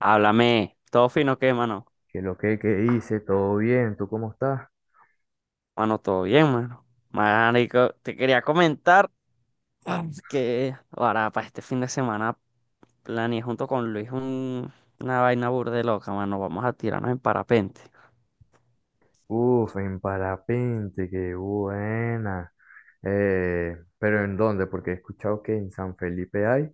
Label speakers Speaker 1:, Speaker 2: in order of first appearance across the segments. Speaker 1: Háblame, todo fino, ¿qué, mano?
Speaker 2: Que lo que hice, todo bien, ¿tú cómo estás?
Speaker 1: Mano, todo bien, mano. Marico, te quería comentar que ahora para este fin de semana planeé junto con Luis una vaina burde loca, mano. Vamos a tirarnos en parapente.
Speaker 2: Uf, en parapente, qué buena. Pero ¿en dónde? Porque he escuchado que en San Felipe hay,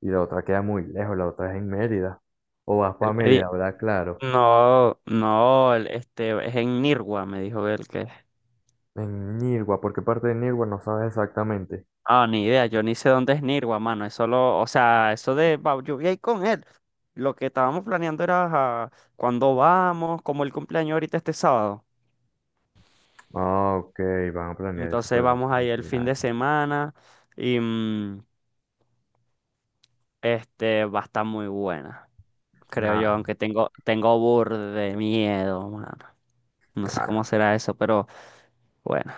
Speaker 2: y la otra queda muy lejos, la otra es en Mérida. O vas para
Speaker 1: Él me di-
Speaker 2: Mérida, ¿verdad? Claro.
Speaker 1: no, no, este es en Nirgua, me dijo él que.
Speaker 2: En Nirgua, ¿por qué parte de Nirgua no sabes exactamente?
Speaker 1: Ah, ni idea, yo ni sé dónde es Nirgua, mano. Eso lo, o sea, eso de va, yo voy a ir con él. Lo que estábamos planeando era cuando vamos, como el cumpleaños ahorita este sábado.
Speaker 2: Ah, ok, van a planear eso por
Speaker 1: Entonces
Speaker 2: el
Speaker 1: vamos a ir el fin de
Speaker 2: cumpleaños.
Speaker 1: semana y este va a estar muy buena, creo yo,
Speaker 2: Nah,
Speaker 1: aunque tengo burde de miedo, mano. No sé
Speaker 2: nah.
Speaker 1: cómo será eso, pero bueno,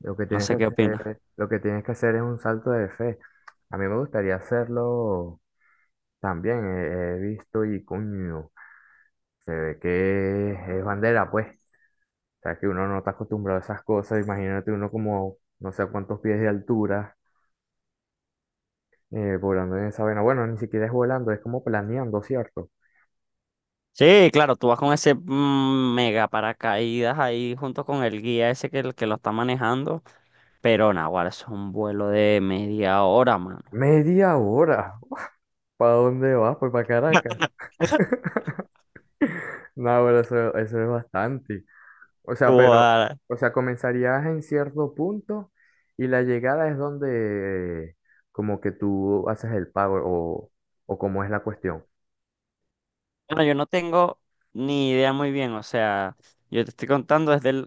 Speaker 2: Lo que
Speaker 1: no
Speaker 2: tienes que
Speaker 1: sé qué opinas.
Speaker 2: hacer, lo que tienes que hacer es un salto de fe. A mí me gustaría hacerlo. También he visto y coño, se ve que es bandera, pues. O sea, que uno no está acostumbrado a esas cosas. Imagínate, uno como no sé a cuántos pies de altura, volando en esa vaina. Bueno, ni siquiera es volando, es como planeando, ¿cierto?
Speaker 1: Sí, claro, tú vas con ese mega paracaídas ahí junto con el guía ese que, el que lo está manejando, pero naguará, eso es un vuelo de 1/2 hora, mano.
Speaker 2: Media hora. ¿Para dónde vas? Pues para Caracas. No, pero eso es bastante. O sea, pero,
Speaker 1: Guara.
Speaker 2: o sea, comenzarías en cierto punto y la llegada es donde como que tú haces el pago, o cómo es la cuestión.
Speaker 1: Bueno, yo no tengo ni idea muy bien, o sea, yo te estoy contando desde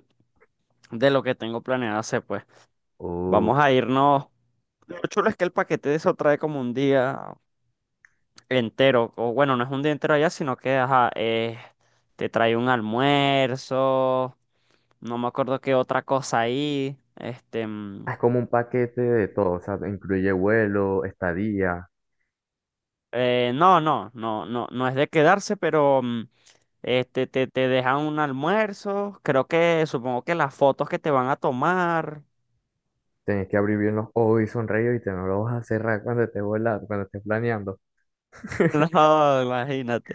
Speaker 1: de lo que tengo planeado hacer, pues.
Speaker 2: O
Speaker 1: Vamos a irnos. Lo chulo es que el paquete de eso trae como un día entero, o bueno, no es un día entero allá, sino que ajá, te trae un almuerzo, no me acuerdo qué otra cosa ahí, este,
Speaker 2: Ah, es como un paquete de todo, o sea, incluye vuelo, estadía,
Speaker 1: no es de quedarse, pero este, te dejan un almuerzo, creo que, supongo que las fotos que te van a tomar.
Speaker 2: tenés que abrir bien los ojos y sonreír y te no lo vas a cerrar cuando estés volando, cuando estés planeando.
Speaker 1: No, imagínate.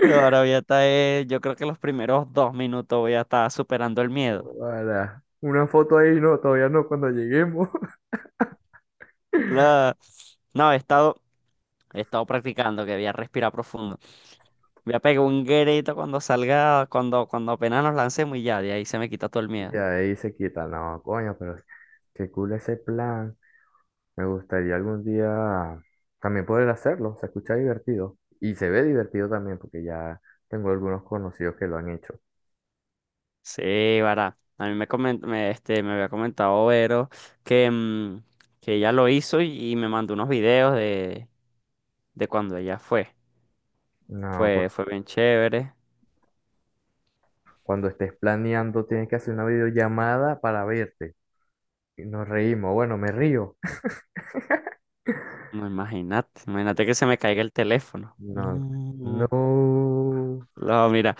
Speaker 1: Ahora voy a estar, yo creo que los primeros 2 minutos voy a estar superando el miedo.
Speaker 2: Hola. Una foto ahí, no, todavía no, cuando lleguemos.
Speaker 1: La- No, he estado practicando que voy a respirar profundo. Voy a pegar un grito cuando salga, cuando apenas nos lancemos y ya, de ahí se me quita todo el
Speaker 2: Y
Speaker 1: miedo.
Speaker 2: ahí se quita, no, coño, pero qué cool ese plan. Me gustaría algún día también poder hacerlo, se escucha divertido. Y se ve divertido también, porque ya tengo algunos conocidos que lo han hecho.
Speaker 1: Sí, vará. A mí me, este, me había comentado Vero que, que ella lo hizo y me mandó unos videos de cuando ella fue.
Speaker 2: No,
Speaker 1: Fue bien chévere.
Speaker 2: cuando estés planeando, tienes que hacer una videollamada para verte. Y nos reímos. Bueno, me río.
Speaker 1: No, imagínate que se me caiga el teléfono.
Speaker 2: No,
Speaker 1: No.
Speaker 2: no.
Speaker 1: No, mira,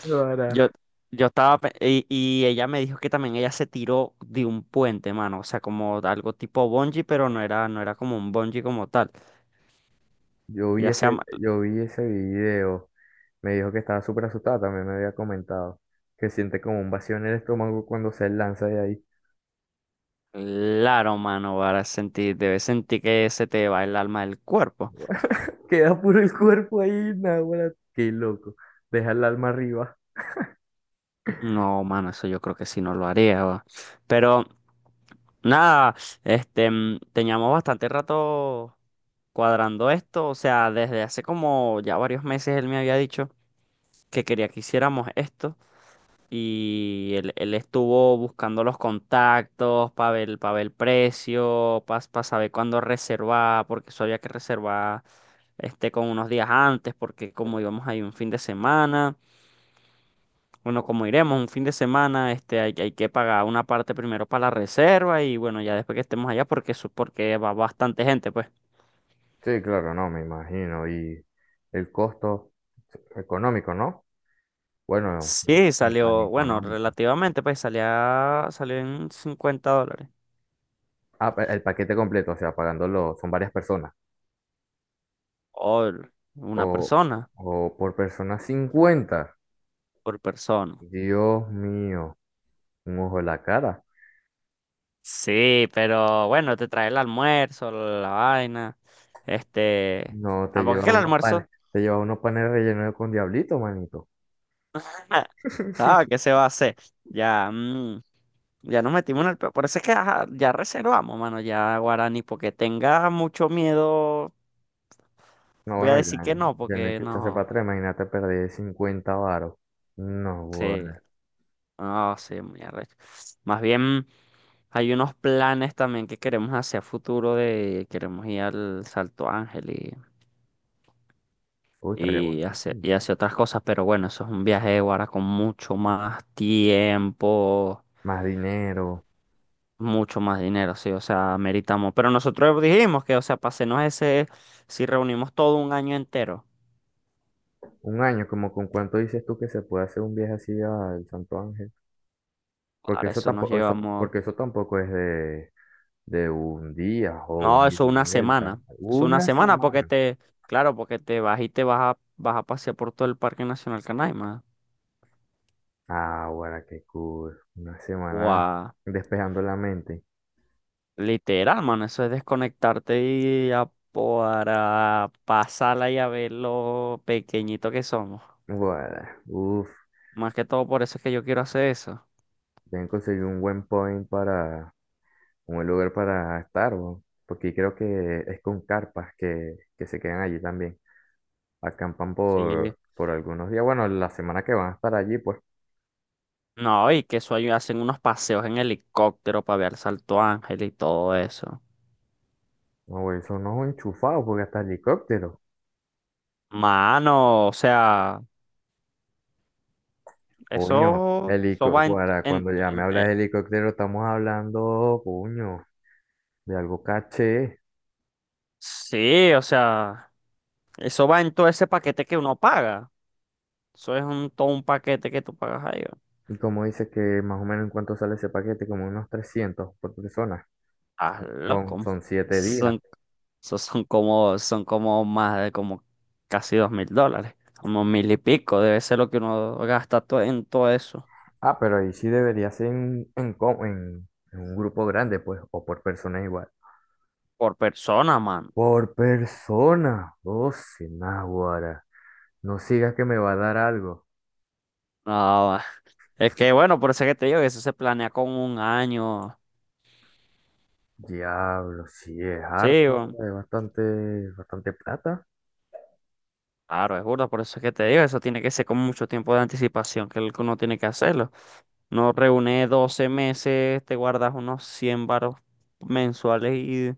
Speaker 1: yo,
Speaker 2: Ahora,
Speaker 1: yo estaba, y ella me dijo que también ella se tiró de un puente, mano, o sea, como algo tipo bungee, pero no era como un bungee como tal.
Speaker 2: yo vi
Speaker 1: Ya sea,
Speaker 2: ese,
Speaker 1: ma-
Speaker 2: yo vi ese video. Me dijo que estaba súper asustada, también me había comentado. Que siente como un vacío en el estómago cuando se lanza de ahí.
Speaker 1: claro, mano, para sentir, debes sentir que se te va el alma del cuerpo.
Speaker 2: Queda puro el cuerpo ahí, naguará. Qué loco. Deja el alma arriba.
Speaker 1: No, mano, eso yo creo que sí no lo haría, va. Pero, nada, este, teníamos bastante rato cuadrando esto, o sea, desde hace como ya varios meses él me había dicho que quería que hiciéramos esto. Él estuvo buscando los contactos para ver el precio, para saber cuándo reservar, porque eso había que reservar este, con unos días antes, porque como íbamos ahí un fin de semana, bueno, como iremos un fin de semana, este, hay que pagar una parte primero para la reserva y bueno, ya después que estemos allá, porque, porque va bastante gente, pues.
Speaker 2: Sí, claro, no, me imagino. Y el costo económico, ¿no? Bueno, no,
Speaker 1: Sí,
Speaker 2: ni tan
Speaker 1: salió, bueno,
Speaker 2: económico.
Speaker 1: relativamente, pues salió en $50.
Speaker 2: Ah, el paquete completo, o sea, pagándolo, son varias personas.
Speaker 1: Por una
Speaker 2: O,
Speaker 1: persona,
Speaker 2: o por persona 50.
Speaker 1: por persona.
Speaker 2: Dios mío, un ojo en la cara.
Speaker 1: Sí, pero bueno, te trae el almuerzo, la vaina. Este,
Speaker 2: No, te
Speaker 1: tampoco es
Speaker 2: lleva
Speaker 1: que el
Speaker 2: unos panes,
Speaker 1: almuerzo.
Speaker 2: te lleva unos panes rellenos con diablito, manito.
Speaker 1: Ah, ¿qué se va a hacer? Ya, ya nos metimos en el Por eso es que ajá, ya reservamos, mano, ya Guarani, porque tenga mucho miedo,
Speaker 2: No,
Speaker 1: voy a
Speaker 2: bueno,
Speaker 1: decir
Speaker 2: ya,
Speaker 1: que no,
Speaker 2: ya no hay
Speaker 1: porque
Speaker 2: que echarse para
Speaker 1: no.
Speaker 2: atrás, imagínate perder 50 varos. No,
Speaker 1: Sí,
Speaker 2: bueno.
Speaker 1: no, sí, muy arrecho. Más bien hay unos planes también que queremos hacer a futuro de queremos ir al Salto Ángel
Speaker 2: Uy, estaría buenísimo.
Speaker 1: y hace otras cosas, pero bueno, eso es un viaje ahora con mucho más tiempo,
Speaker 2: Más dinero.
Speaker 1: mucho más dinero, sí, o sea, meritamos. Pero nosotros dijimos que, o sea, pasenos ese, si reunimos todo un año entero,
Speaker 2: Un año, como con cuánto dices tú que se puede hacer un viaje así al Santo Ángel. Porque
Speaker 1: para
Speaker 2: eso
Speaker 1: eso nos
Speaker 2: tampoco, eso,
Speaker 1: llevamos,
Speaker 2: porque eso tampoco es de un día o un
Speaker 1: no,
Speaker 2: ida
Speaker 1: eso
Speaker 2: y
Speaker 1: una
Speaker 2: vuelta.
Speaker 1: semana, es una
Speaker 2: Una
Speaker 1: semana porque
Speaker 2: semana.
Speaker 1: te, claro, porque te vas y te vas a, vas a pasear por todo el Parque Nacional Canaima.
Speaker 2: Ah, bueno, qué cool. Una semana
Speaker 1: Guau.
Speaker 2: despejando la mente.
Speaker 1: Literal, mano, eso es desconectarte y para pasarla y a ver lo pequeñito que somos.
Speaker 2: Bueno, uff.
Speaker 1: Más que todo por eso es que yo quiero hacer eso.
Speaker 2: Tienen que conseguir un buen point para, un buen lugar para estar, bo. Porque creo que es con carpas que se quedan allí también. Acampan
Speaker 1: Sí.
Speaker 2: por algunos días. Bueno, la semana que van a estar allí, pues.
Speaker 1: No, y que eso ahí hacen unos paseos en helicóptero para ver el Salto Ángel y todo eso.
Speaker 2: No, güey, son unos enchufados porque hasta helicópteros.
Speaker 1: Mano, o sea,
Speaker 2: Coño,
Speaker 1: eso va en,
Speaker 2: helicóptero, cuando ya me hablas de helicóptero, estamos hablando, coño, de algo caché.
Speaker 1: sí, o sea, eso va en todo ese paquete que uno paga. Eso es un, todo un paquete que tú pagas ahí.
Speaker 2: Y como dices que más o menos en cuánto sale ese paquete, como unos 300 por persona.
Speaker 1: Ah,
Speaker 2: Son,
Speaker 1: loco.
Speaker 2: son 7 días.
Speaker 1: Son, son como más de como casi $2.000. Como mil y pico. Debe ser lo que uno gasta en todo eso.
Speaker 2: Ah, pero ahí sí debería ser en, en un grupo grande, pues, o por persona igual.
Speaker 1: Por persona, man.
Speaker 2: Por persona, oh, sin náguara. No sigas que me va a dar algo.
Speaker 1: No, es que bueno, por eso es que te digo que eso se planea con un año.
Speaker 2: Diablo, sí, es
Speaker 1: Sí,
Speaker 2: harto,
Speaker 1: weón.
Speaker 2: es bastante, bastante plata.
Speaker 1: Claro, es burda, por eso es que te digo, eso tiene que ser con mucho tiempo de anticipación que el que uno tiene que hacerlo. No reúne 12 meses, te guardas unos 100 varos mensuales y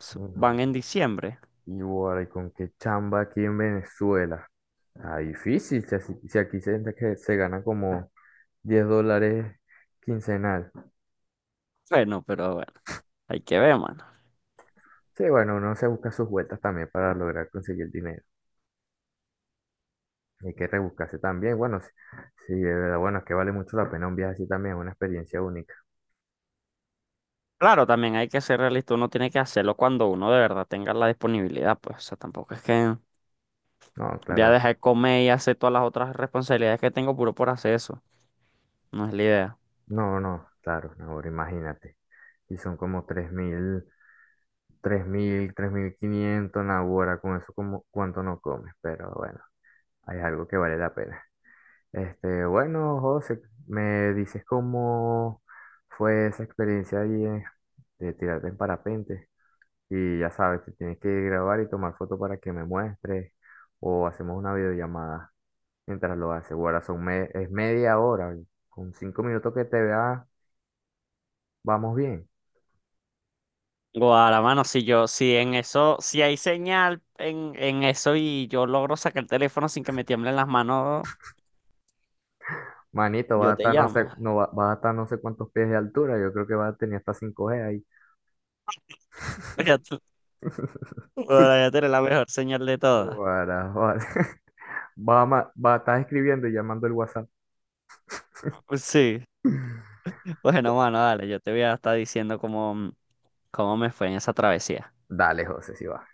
Speaker 1: van
Speaker 2: Bueno,
Speaker 1: en diciembre.
Speaker 2: y bueno, ¿y con qué chamba aquí en Venezuela? Ah, difícil, si aquí se, que se gana como $10 quincenal.
Speaker 1: Bueno, pero bueno. Hay que ver, mano.
Speaker 2: Sí, bueno, uno se busca sus vueltas también para lograr conseguir dinero. Y hay que rebuscarse también. Bueno, sí, sí, de verdad, bueno, es que vale mucho la pena un viaje así también, es una experiencia única.
Speaker 1: Claro, también hay que ser realista. Uno tiene que hacerlo cuando uno de verdad tenga la disponibilidad. Pues, o sea, tampoco es que
Speaker 2: No,
Speaker 1: voy a
Speaker 2: claro,
Speaker 1: dejar de comer y hacer todas las otras responsabilidades que tengo puro por hacer eso. No es la idea.
Speaker 2: no, no, claro, no, ahora imagínate. Y son como 3.500 ahora con eso como cuánto no comes, pero bueno, hay algo que vale la pena. Este, bueno, José, me dices cómo fue esa experiencia ahí, de tirarte en parapente. Y ya sabes, te tienes que grabar y tomar foto para que me muestres o hacemos una videollamada mientras lo haces. Bueno, son es media hora. Y con 5 minutos que te vea, vamos bien.
Speaker 1: Guara, mano, si yo, si en eso, si hay señal en eso y yo logro sacar el teléfono sin que me tiemblen las manos,
Speaker 2: Manito, vas a
Speaker 1: yo te
Speaker 2: estar no sé,
Speaker 1: llamo.
Speaker 2: no, vas a estar no sé cuántos pies de altura. Yo creo que vas a tener hasta 5G ahí.
Speaker 1: Ya tú- Guara, ya tienes la mejor señal de todas.
Speaker 2: Guara, guara. Va a, va a estar escribiendo y llamando el WhatsApp.
Speaker 1: Sí.
Speaker 2: Bu-
Speaker 1: Bueno, mano, dale, yo te voy a estar diciendo cómo, cómo me fue en esa travesía.
Speaker 2: Dale, José, si va.